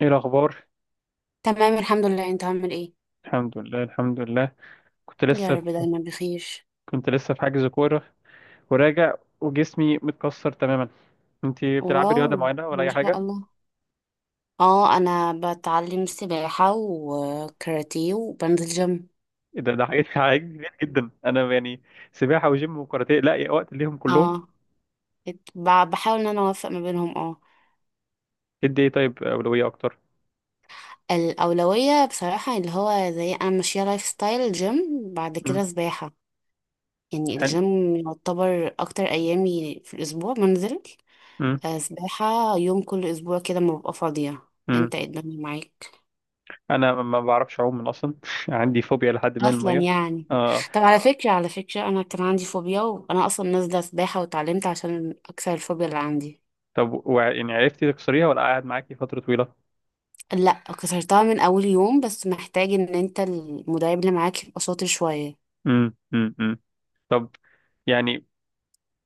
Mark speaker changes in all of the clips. Speaker 1: ايه الاخبار؟
Speaker 2: تمام، الحمد لله، انت عامل ايه؟
Speaker 1: الحمد لله، الحمد لله. كنت
Speaker 2: يا
Speaker 1: لسه في
Speaker 2: رب، دايما بخير.
Speaker 1: كنت لسه في حجز كوره، وراجع، وجسمي متكسر تماما. انت بتلعبي
Speaker 2: واو،
Speaker 1: رياضه معينه ولا
Speaker 2: ما
Speaker 1: اي
Speaker 2: شاء
Speaker 1: حاجه؟
Speaker 2: الله. اه، انا بتعلم سباحة وكاراتيه وبنزل جيم.
Speaker 1: إيه ده، حاجات حاجات كتير جدا، انا يعني سباحه وجيم وكاراتيه، لا يا وقت ليهم كلهم؟
Speaker 2: اه، بحاول ان انا اوفق ما بينهم، اه.
Speaker 1: ادي ايه طيب؟ اولويه اكتر؟
Speaker 2: الاولوية بصراحة اللي هو، زي انا ماشية لايف ستايل جيم، بعد
Speaker 1: امم.
Speaker 2: كده سباحة. يعني
Speaker 1: حلو.
Speaker 2: الجيم يعتبر اكتر ايامي في الاسبوع بنزل.
Speaker 1: امم،
Speaker 2: سباحة يوم كل اسبوع كده، ما ببقى فاضية.
Speaker 1: امم.
Speaker 2: انت ايه الدنيا معاك؟
Speaker 1: انا ما بعرفش اعوم من اصلا، عندي فوبيا لحد ما
Speaker 2: اصلا
Speaker 1: الميه.
Speaker 2: يعني.
Speaker 1: اه.
Speaker 2: طب، على فكره، انا كان عندي فوبيا وانا اصلا نازله سباحه واتعلمت عشان اكسر الفوبيا اللي عندي.
Speaker 1: طب، يعني عرفتي تكسريها ولا قاعد معاكي فتره طويله؟
Speaker 2: لا، كسرتها من اول يوم، بس محتاج ان انت المدرب اللي معاك يبقى شاطر شويه.
Speaker 1: امم، امم، أمم. طب، يعني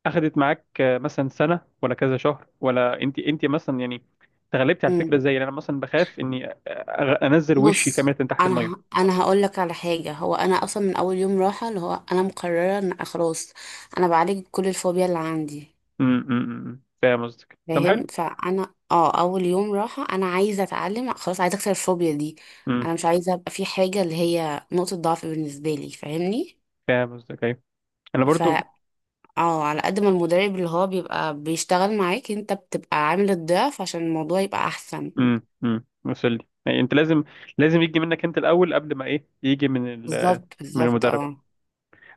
Speaker 1: اخدت معاك، مثلا سنه ولا كذا شهر، ولا انت مثلا يعني تغلبتي على
Speaker 2: امم.
Speaker 1: الفكره ازاي؟ لأن انا مثلا بخاف اني انزل وشي كامله
Speaker 2: بص،
Speaker 1: تحت
Speaker 2: انا
Speaker 1: الميه.
Speaker 2: انا هقول لك على حاجه، هو انا اصلا من اول يوم راحه اللي هو انا مقرره ان خلاص، انا بعالج كل الفوبيا اللي عندي.
Speaker 1: امم، أمم، أمم. فاهم قصدك. طب
Speaker 2: فاهم،
Speaker 1: حلو.
Speaker 2: فانا اول يوم راحه انا عايزه اتعلم، خلاص عايزه اكسر الفوبيا دي.
Speaker 1: امم.
Speaker 2: انا مش عايزه ابقى في حاجه اللي هي نقطه ضعف بالنسبه لي، فاهمني؟
Speaker 1: فاهم قصدك، ايوه. انا
Speaker 2: ف،
Speaker 1: برضو.
Speaker 2: اه على قد ما المدرب اللي هو بيبقى بيشتغل معاك، انت بتبقى عامل الضعف عشان الموضوع يبقى احسن.
Speaker 1: امم، وصل لي. يعني انت لازم، لازم يجي منك انت الاول قبل ما ايه يجي من
Speaker 2: بالظبط،
Speaker 1: من
Speaker 2: بالظبط،
Speaker 1: المدرب.
Speaker 2: اه.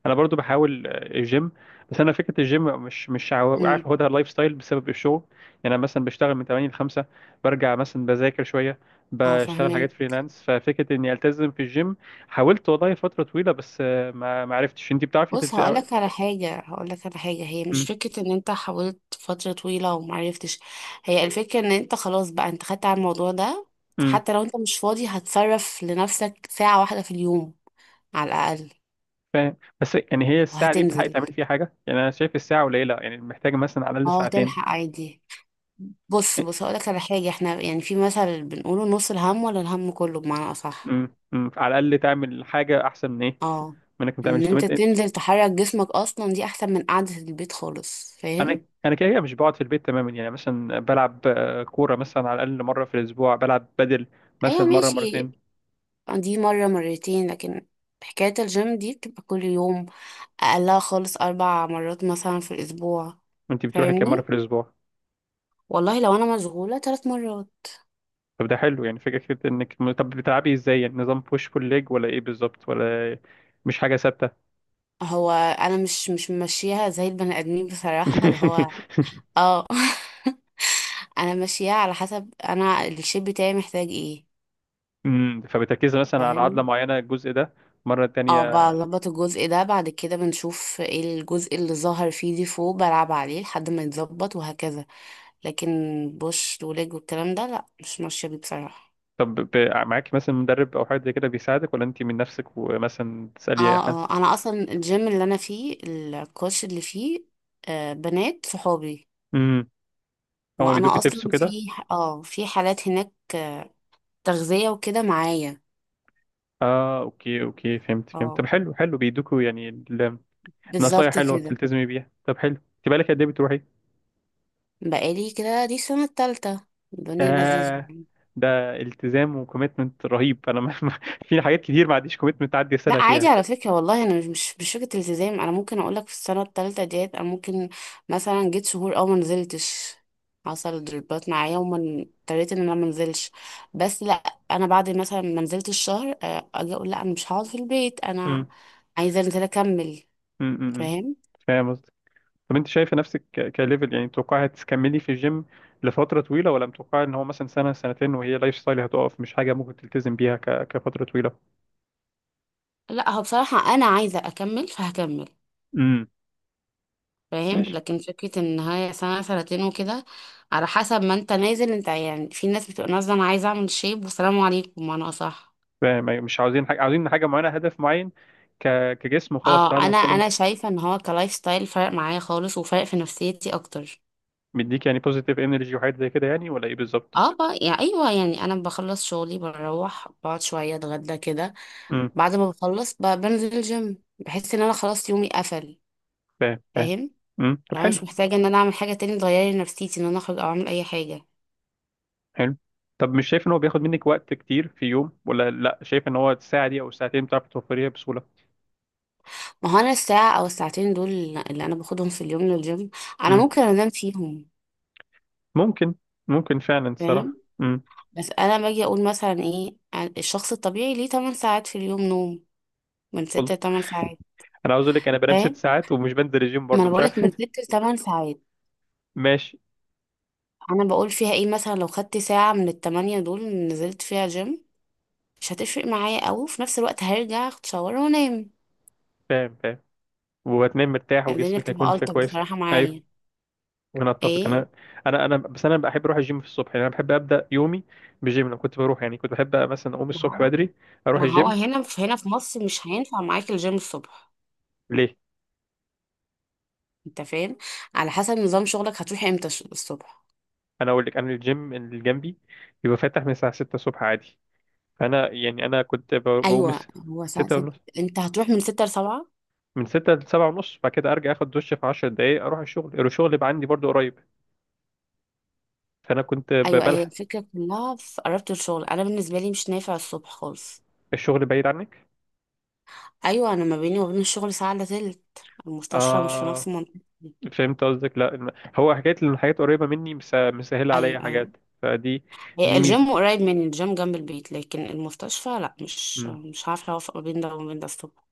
Speaker 1: انا برضو بحاول، الجيم. بس انا فكره الجيم مش عارف
Speaker 2: امم.
Speaker 1: اخدها لايف ستايل بسبب الشغل. يعني انا مثلا بشتغل من 8 ل 5، برجع مثلا بذاكر شويه،
Speaker 2: اه،
Speaker 1: بشتغل حاجات
Speaker 2: فاهمه.
Speaker 1: فريلانس، ففكره اني التزم في الجيم حاولت والله فتره طويله بس، ما عرفتش. انت بتعرفي
Speaker 2: بص، هقولك على حاجة، هي مش
Speaker 1: امم،
Speaker 2: فكرة ان انت حاولت فترة طويلة ومعرفتش. هي الفكرة ان انت خلاص بقى، انت خدت على الموضوع ده.
Speaker 1: امم.
Speaker 2: فحتى لو انت مش فاضي، هتصرف لنفسك ساعة واحدة في اليوم، على الأقل.
Speaker 1: فاهم، بس يعني هي الساعه دي بتلحقي
Speaker 2: وهتنزل،
Speaker 1: تعملي فيها حاجه؟ يعني انا شايف الساعه قليله، يعني محتاجه مثلا على الاقل
Speaker 2: اه
Speaker 1: ساعتين.
Speaker 2: تلحق عادي. بص، بص، هقولك على حاجة، احنا يعني في مثل بنقوله نص الهم ولا الهم كله، بمعنى أصح.
Speaker 1: امم، امم، على الاقل تعمل حاجه احسن من ايه،
Speaker 2: اه،
Speaker 1: من انك ما
Speaker 2: ان
Speaker 1: تعملش. طب
Speaker 2: انت
Speaker 1: انت،
Speaker 2: تنزل تحرك جسمك اصلا، دي احسن من قعدة البيت خالص، فاهم؟
Speaker 1: انا كده كده مش بقعد في البيت تماما. يعني مثلا بلعب، كوره مثلا، على الاقل مره في الاسبوع بلعب بدل
Speaker 2: ايوه،
Speaker 1: مثلا مره
Speaker 2: ماشي.
Speaker 1: مرتين.
Speaker 2: دي مرة مرتين، لكن حكاية الجيم دي بتبقى كل يوم، أقلها خالص أربع مرات مثلا في الأسبوع،
Speaker 1: وانت بتروحي كام مره في
Speaker 2: فاهمني؟
Speaker 1: الاسبوع؟
Speaker 2: والله لو أنا مشغولة، تلات مرات.
Speaker 1: طب ده حلو، يعني فكره كده. انك طب بتلعبي ازاي؟ يعني نظام بوش بول ليج ولا ايه بالظبط؟ ولا مش حاجه ثابته؟
Speaker 2: هو أنا مش ماشيها زي البني آدمين بصراحة، اللي هو اه، أنا ماشيها على حسب أنا الشيب بتاعي محتاج ايه،
Speaker 1: فبتركزي مثلا على عضله
Speaker 2: فاهمني؟
Speaker 1: معينه الجزء ده، مره
Speaker 2: اه،
Speaker 1: تانية؟
Speaker 2: بظبط الجزء ده، بعد كده بنشوف ايه الجزء اللي ظهر فيه ديفو، بلعب عليه لحد ما يتظبط، وهكذا. لكن بوش وليج والكلام ده لا، مش ماشية بيه بصراحة.
Speaker 1: طب، معاكي مثلا مدرب او حد زي كده بيساعدك، ولا انت من نفسك ومثلا تسالي اي
Speaker 2: اه،
Speaker 1: حد؟
Speaker 2: اه، انا اصلا الجيم اللي انا فيه، الكوتش اللي فيه بنات صحابي.
Speaker 1: امم. هما
Speaker 2: وانا
Speaker 1: بيدوكي تبس
Speaker 2: اصلا
Speaker 1: وكده؟
Speaker 2: في حالات هناك، تغذية وكده معايا.
Speaker 1: اه، اوكي اوكي، فهمت فهمت. طب
Speaker 2: اه،
Speaker 1: حلو، حلو بيدوكوا يعني نصايح
Speaker 2: بالظبط
Speaker 1: حلوه
Speaker 2: كده.
Speaker 1: بتلتزمي بيها. طب حلو. انت بقالك قد ايه بتروحي؟
Speaker 2: بقالي كده دي السنة التالتة، الدنيا لذيذة.
Speaker 1: آه. ده التزام وكوميتمنت رهيب. انا في حاجات كتير ما عنديش كوميتمنت تعدي سنه
Speaker 2: لا، عادي
Speaker 1: فيها.
Speaker 2: على فكرة، والله انا مش فكرة التزام، انا ممكن اقول لك في السنة التالتة ديت، انا ممكن مثلا جيت شهور او ما نزلتش. حصل ضربات معايا وما اضطريت ان انا ما انزلش. بس لا، انا بعد مثلا ما نزلتش شهر، اجي اقول لا، انا مش هقعد في البيت، انا
Speaker 1: امم،
Speaker 2: عايزة انزل اكمل.
Speaker 1: امم،
Speaker 2: فاهم؟
Speaker 1: فاهم قصدك. طب، انت شايفه نفسك كليفل يعني؟ متوقعي هتكملي في الجيم لفتره طويله، ولا متوقعي ان هو مثلا سنه سنتين وهي لايف ستايل هتقف، مش حاجه ممكن تلتزم بيها كفتره طويله؟
Speaker 2: لا، هو بصراحة انا عايزة اكمل، فهكمل.
Speaker 1: امم.
Speaker 2: فاهم،
Speaker 1: ماشي.
Speaker 2: لكن فكرة ان هي سنة سنتين وكده، على حسب ما انت نازل، انت يعني في ناس بتبقى نازلة انا عايزة اعمل شيب والسلام عليكم، انا صح.
Speaker 1: فاهم، أيوة، مش عاوزين حاجه، عاوزين حاجه معينه، هدف معين، ك... كجسم، وخلاص
Speaker 2: اه،
Speaker 1: بعد ما
Speaker 2: انا
Speaker 1: اوصل له.
Speaker 2: انا شايفه ان هو كلايف ستايل فرق معايا خالص، وفرق في نفسيتي اكتر.
Speaker 1: مديك يعني بوزيتيف انرجي وحاجات زي كده يعني، ولا ايه بالظبط؟
Speaker 2: اه، بقى يعني، ايوه يعني، انا بخلص شغلي، بروح بقعد شويه اتغدى كده.
Speaker 1: امم.
Speaker 2: بعد ما بخلص بنزل الجيم، بحس ان انا خلاص يومي قفل،
Speaker 1: فاهم، فاهم.
Speaker 2: فاهم؟
Speaker 1: امم. طب
Speaker 2: لو انا
Speaker 1: حلو،
Speaker 2: مش محتاجه ان انا اعمل حاجه تاني تغير لي نفسيتي، ان انا اخرج او اعمل اي حاجه.
Speaker 1: حلو. طب مش شايف ان هو بياخد منك وقت كتير في يوم، ولا لا، شايف ان هو الساعه دي او الساعتين بتعرف توفريها بسهوله؟
Speaker 2: ما هو انا الساعه او الساعتين دول، اللي انا باخدهم في اليوم للجيم، انا
Speaker 1: امم.
Speaker 2: ممكن انام فيهم،
Speaker 1: ممكن، ممكن فعلا
Speaker 2: فاهم؟
Speaker 1: الصراحه. امم.
Speaker 2: بس انا باجي اقول مثلا، ايه، الشخص الطبيعي ليه 8 ساعات في اليوم نوم، من 6
Speaker 1: والله،
Speaker 2: ل 8 ساعات.
Speaker 1: انا عاوز اقول لك، انا بنام 6 ساعات ومش بنزل الجيم
Speaker 2: ما
Speaker 1: برضه،
Speaker 2: انا
Speaker 1: مش
Speaker 2: بقولك
Speaker 1: عارف.
Speaker 2: من ست لتمن ساعات
Speaker 1: ماشي.
Speaker 2: انا بقول فيها ايه، مثلا لو خدت ساعة من التمانية دول نزلت فيها جيم، مش هتفرق معايا اوي، وفي نفس الوقت هرجع اخد شاور وانام.
Speaker 1: فاهم، فاهم. وهتنام مرتاح
Speaker 2: الدنيا
Speaker 1: وجسمك هيكون
Speaker 2: بتبقى
Speaker 1: فيه
Speaker 2: الطف
Speaker 1: كويس.
Speaker 2: بصراحة
Speaker 1: ايوه.
Speaker 2: معايا.
Speaker 1: انا اتفق.
Speaker 2: ايه،
Speaker 1: انا، انا بس انا بحب اروح الجيم في الصبح. يعني انا بحب ابدا يومي بجيم. لو كنت بروح، يعني كنت بحب مثلا اقوم
Speaker 2: ما
Speaker 1: الصبح
Speaker 2: هو
Speaker 1: بدري اروح
Speaker 2: ما هو
Speaker 1: الجيم.
Speaker 2: هنا في مصر مش هينفع معاك الجيم الصبح.
Speaker 1: ليه؟
Speaker 2: انت فاهم؟ على حسب نظام شغلك، هتروح امتى الصبح؟
Speaker 1: انا اقول لك، انا الجيم اللي جنبي بيبقى فاتح من الساعه 6 الصبح عادي. فانا يعني، انا كنت بقوم
Speaker 2: ايوه، هو ساعة
Speaker 1: 6
Speaker 2: ست.
Speaker 1: ونص،
Speaker 2: انت هتروح من ستة لسبعة.
Speaker 1: من 6 ل 7 ونص. بعد كده ارجع اخد دش في 10 دقايق، اروح الشغل. الشغل يبقى عندي برضو قريب، فانا كنت
Speaker 2: ايوه، هي
Speaker 1: بلحق.
Speaker 2: الفكرة كلها في قربت الشغل، انا بالنسبة لي مش نافع الصبح خالص.
Speaker 1: الشغل بعيد عنك؟
Speaker 2: ايوه، انا ما بيني وبين الشغل ساعه الا تلت، المستشفى مش في نفس
Speaker 1: اه،
Speaker 2: المنطقه.
Speaker 1: فهمت قصدك، لا هو حكايه ان الحاجات قريبه مني مسهله
Speaker 2: ايوه،
Speaker 1: عليا
Speaker 2: ايوه،
Speaker 1: حاجات. فدي،
Speaker 2: هي
Speaker 1: دي ميزه.
Speaker 2: الجيم قريب مني، الجيم جنب البيت، لكن المستشفى لا، مش
Speaker 1: مم.
Speaker 2: مش عارفه اوفق ما بين ده وما بين ده الصبح.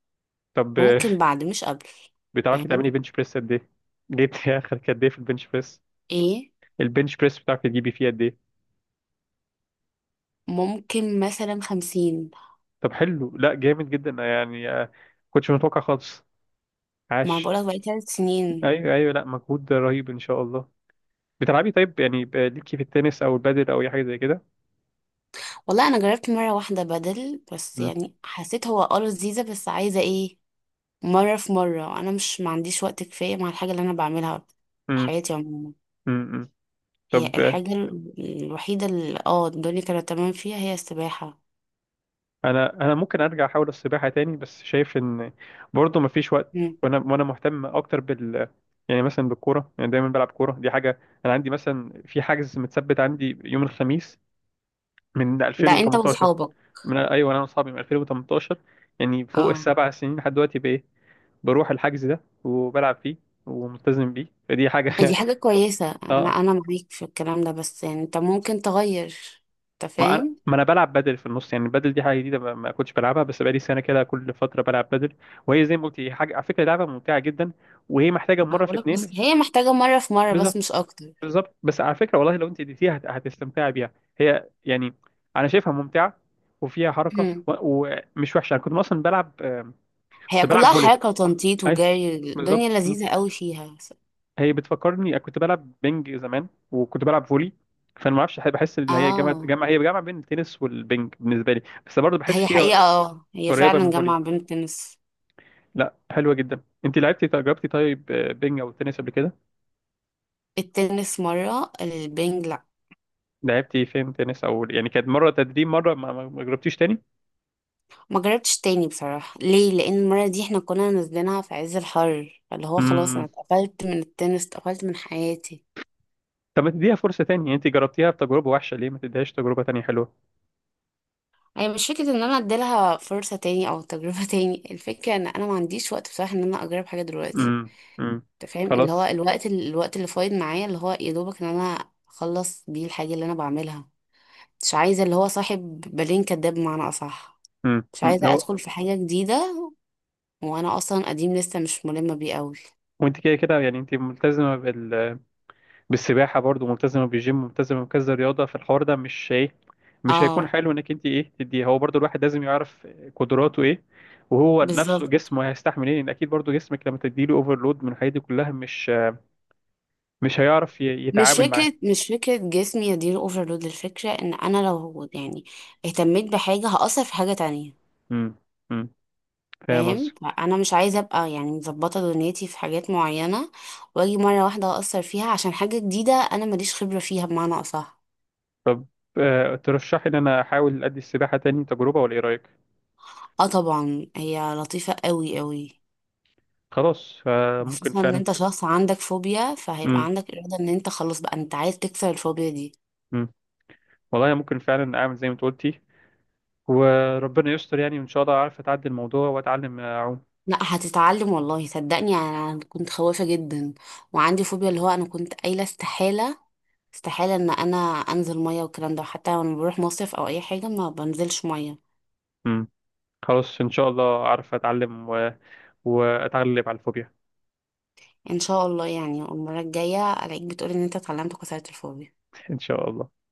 Speaker 1: طب
Speaker 2: ممكن بعد، مش قبل.
Speaker 1: بتعرفي تعملي
Speaker 2: فاهمني؟
Speaker 1: بنش بريس قد ايه؟ جبتي اخر قد ايه في البنش بريس؟
Speaker 2: ايه؟
Speaker 1: البنش بريس بتعرفي تجيبي فيه قد ايه؟
Speaker 2: ممكن مثلا 50.
Speaker 1: طب حلو، لا جامد جدا يعني، كنتش متوقع خالص.
Speaker 2: ما
Speaker 1: عاش.
Speaker 2: بقولك بقالي 3 سنين.
Speaker 1: ايوه ايوه، لا مجهود رهيب ان شاء الله. بتلعبي طيب يعني ليكي في التنس او البادل او اي حاجه زي كده؟
Speaker 2: والله انا جربت مره واحده بدل، بس
Speaker 1: مم.
Speaker 2: يعني حسيت هو لذيذه، بس عايزه ايه، مره في مره، انا مش ما عنديش وقت كفايه مع الحاجه اللي انا بعملها في
Speaker 1: مم.
Speaker 2: حياتي عموما.
Speaker 1: مم. مم.
Speaker 2: هي
Speaker 1: طب،
Speaker 2: الحاجة الوحيدة، اللي الدنيا كانت تمام فيها هي السباحة.
Speaker 1: انا ممكن ارجع احاول السباحه تاني، بس شايف ان برضه مفيش وقت،
Speaker 2: مم.
Speaker 1: وانا مهتم اكتر بال، يعني مثلا بالكوره. يعني دايما بلعب كوره، دي حاجه انا عندي مثلا، في حجز متثبت عندي يوم الخميس من
Speaker 2: ده انت
Speaker 1: 2018.
Speaker 2: واصحابك؟
Speaker 1: من، ايوه، انا واصحابي من 2018، يعني فوق
Speaker 2: اه،
Speaker 1: السبع سنين لحد دلوقتي. بروح الحجز ده وبلعب فيه وملتزم بيه، فدي
Speaker 2: دي
Speaker 1: حاجة.
Speaker 2: حاجة كويسة، انا
Speaker 1: اه.
Speaker 2: انا معاك في الكلام ده، بس يعني انت ممكن تغير، انت
Speaker 1: ما انا
Speaker 2: فاهم؟
Speaker 1: ما انا بلعب بدل في النص، يعني البدل دي حاجة جديدة، ما كنتش بلعبها، بس بقالي سنة كده كل فترة بلعب بدل. وهي زي ما قلت، هي حاجة على فكرة لعبة ممتعة جدا. وهي محتاجة
Speaker 2: انا
Speaker 1: مرة في
Speaker 2: بقولك، بس
Speaker 1: اتنين.
Speaker 2: هي محتاجة مرة في مرة، بس
Speaker 1: بالظبط،
Speaker 2: مش اكتر.
Speaker 1: بالظبط، بس على فكرة، والله لو انت اديتيها هتستمتعي بيها. هي يعني، انا شايفها ممتعة وفيها حركة
Speaker 2: مم.
Speaker 1: ومش وحشة. انا كنت اصلا بلعب،
Speaker 2: هي
Speaker 1: كنت بلعب
Speaker 2: كلها
Speaker 1: فولي.
Speaker 2: حركة وتنطيط
Speaker 1: اي،
Speaker 2: وجري، الدنيا
Speaker 1: بالظبط.
Speaker 2: لذيذة قوي فيها.
Speaker 1: هي بتفكرني كنت بلعب بينج زمان وكنت بلعب فولي. فانا ما اعرفش، بحس ان هي جامعه
Speaker 2: اه،
Speaker 1: جامعه هي جامعه بين التنس والبينج بالنسبه لي، بس برضه بحس
Speaker 2: هي حقيقة
Speaker 1: فيها
Speaker 2: هي
Speaker 1: قريبه من
Speaker 2: فعلا
Speaker 1: الفولي.
Speaker 2: جامعة بين التنس.
Speaker 1: لا حلوه جدا. انت لعبتي جربتي طيب بينج او تنس قبل كده؟
Speaker 2: التنس مرة، البنج لأ.
Speaker 1: لعبتي فين تنس، او يعني كانت مره تدريب مره، ما جربتيش تاني؟
Speaker 2: ما جربتش تاني بصراحة، ليه؟ لأن المرة دي احنا كنا نازلينها في عز الحر، اللي هو خلاص أنا
Speaker 1: امم.
Speaker 2: اتقفلت من التنس، اتقفلت من حياتي.
Speaker 1: طب ما تديها فرصه تاني؟ يعني انت جربتيها بتجربه وحشه، ليه ما تديهاش تجربه تانية حلوه؟
Speaker 2: أنا مش فكرة إن أنا أديلها فرصة تاني أو تجربة تاني، الفكرة إن أنا ما عنديش وقت بصراحة، إن أنا أجرب حاجة دلوقتي.
Speaker 1: امم. امم.
Speaker 2: أنت فاهم، اللي هو
Speaker 1: خلاص.
Speaker 2: الوقت اللي فايض معايا، اللي هو يا دوبك إن أنا أخلص بيه الحاجة اللي أنا بعملها. مش عايزة اللي هو صاحب بالين كداب، بمعنى أصح.
Speaker 1: امم،
Speaker 2: مش
Speaker 1: أمم.
Speaker 2: عايزة
Speaker 1: هو،
Speaker 2: أدخل في حاجة جديدة، وأنا أصلا قديم لسه مش ملمة بيه أوي.
Speaker 1: وانت كده كده يعني انت ملتزمه بالسباحه، برضو ملتزمه بالجيم، ملتزمه بكذا رياضه، فالحوار ده مش ايه، مش هيكون
Speaker 2: اه،
Speaker 1: حلو انك انت ايه تديه هو برضو. الواحد لازم يعرف قدراته ايه، وهو نفسه
Speaker 2: بالظبط.
Speaker 1: جسمه هيستحمل ايه، لان اكيد برضو جسمك لما تديله اوفرلود من الحاجات دي كلها، مش هيعرف
Speaker 2: مش
Speaker 1: يتعامل معاه.
Speaker 2: فكرة مش فكرة جسمي يدير اوفرلود، الفكرة ان انا لو يعني اهتميت بحاجة، هأثر في حاجة تانية.
Speaker 1: امم. امم. فاهم
Speaker 2: فاهم؟
Speaker 1: قصدي.
Speaker 2: انا مش عايزة ابقى يعني مظبطة دنيتي في حاجات معينة، واجي مرة واحدة أأثر فيها عشان حاجة جديدة انا ماليش خبرة فيها، بمعنى اصح.
Speaker 1: طب ترشحي ان انا احاول ادي السباحه تاني تجربه، ولا ايه رايك؟
Speaker 2: اه طبعا، هي لطيفة قوي قوي.
Speaker 1: خلاص، ممكن
Speaker 2: وخصوصا ان
Speaker 1: فعلا.
Speaker 2: انت شخص عندك فوبيا، فهيبقى
Speaker 1: امم.
Speaker 2: عندك إرادة ان انت خلاص بقى انت عايز تكسر الفوبيا دي.
Speaker 1: امم. والله ممكن فعلا اعمل زي ما انت قلتي. وربنا يستر، يعني ان شاء الله اعرف اتعدي الموضوع واتعلم اعوم.
Speaker 2: لا، هتتعلم، والله صدقني، انا كنت خوافة جدا، وعندي فوبيا، اللي هو انا كنت قايله استحالة ان انا انزل مية والكلام ده، حتى وانا بروح مصيف او اي حاجة ما بنزلش مية.
Speaker 1: مم. خلاص، ان شاء الله اعرف اتعلم واتغلب على الفوبيا.
Speaker 2: ان شاء الله، يعني المرة الجاية الاقيك بتقولي ان انت اتعلمت كسرة الفوبيا.
Speaker 1: ان شاء الله.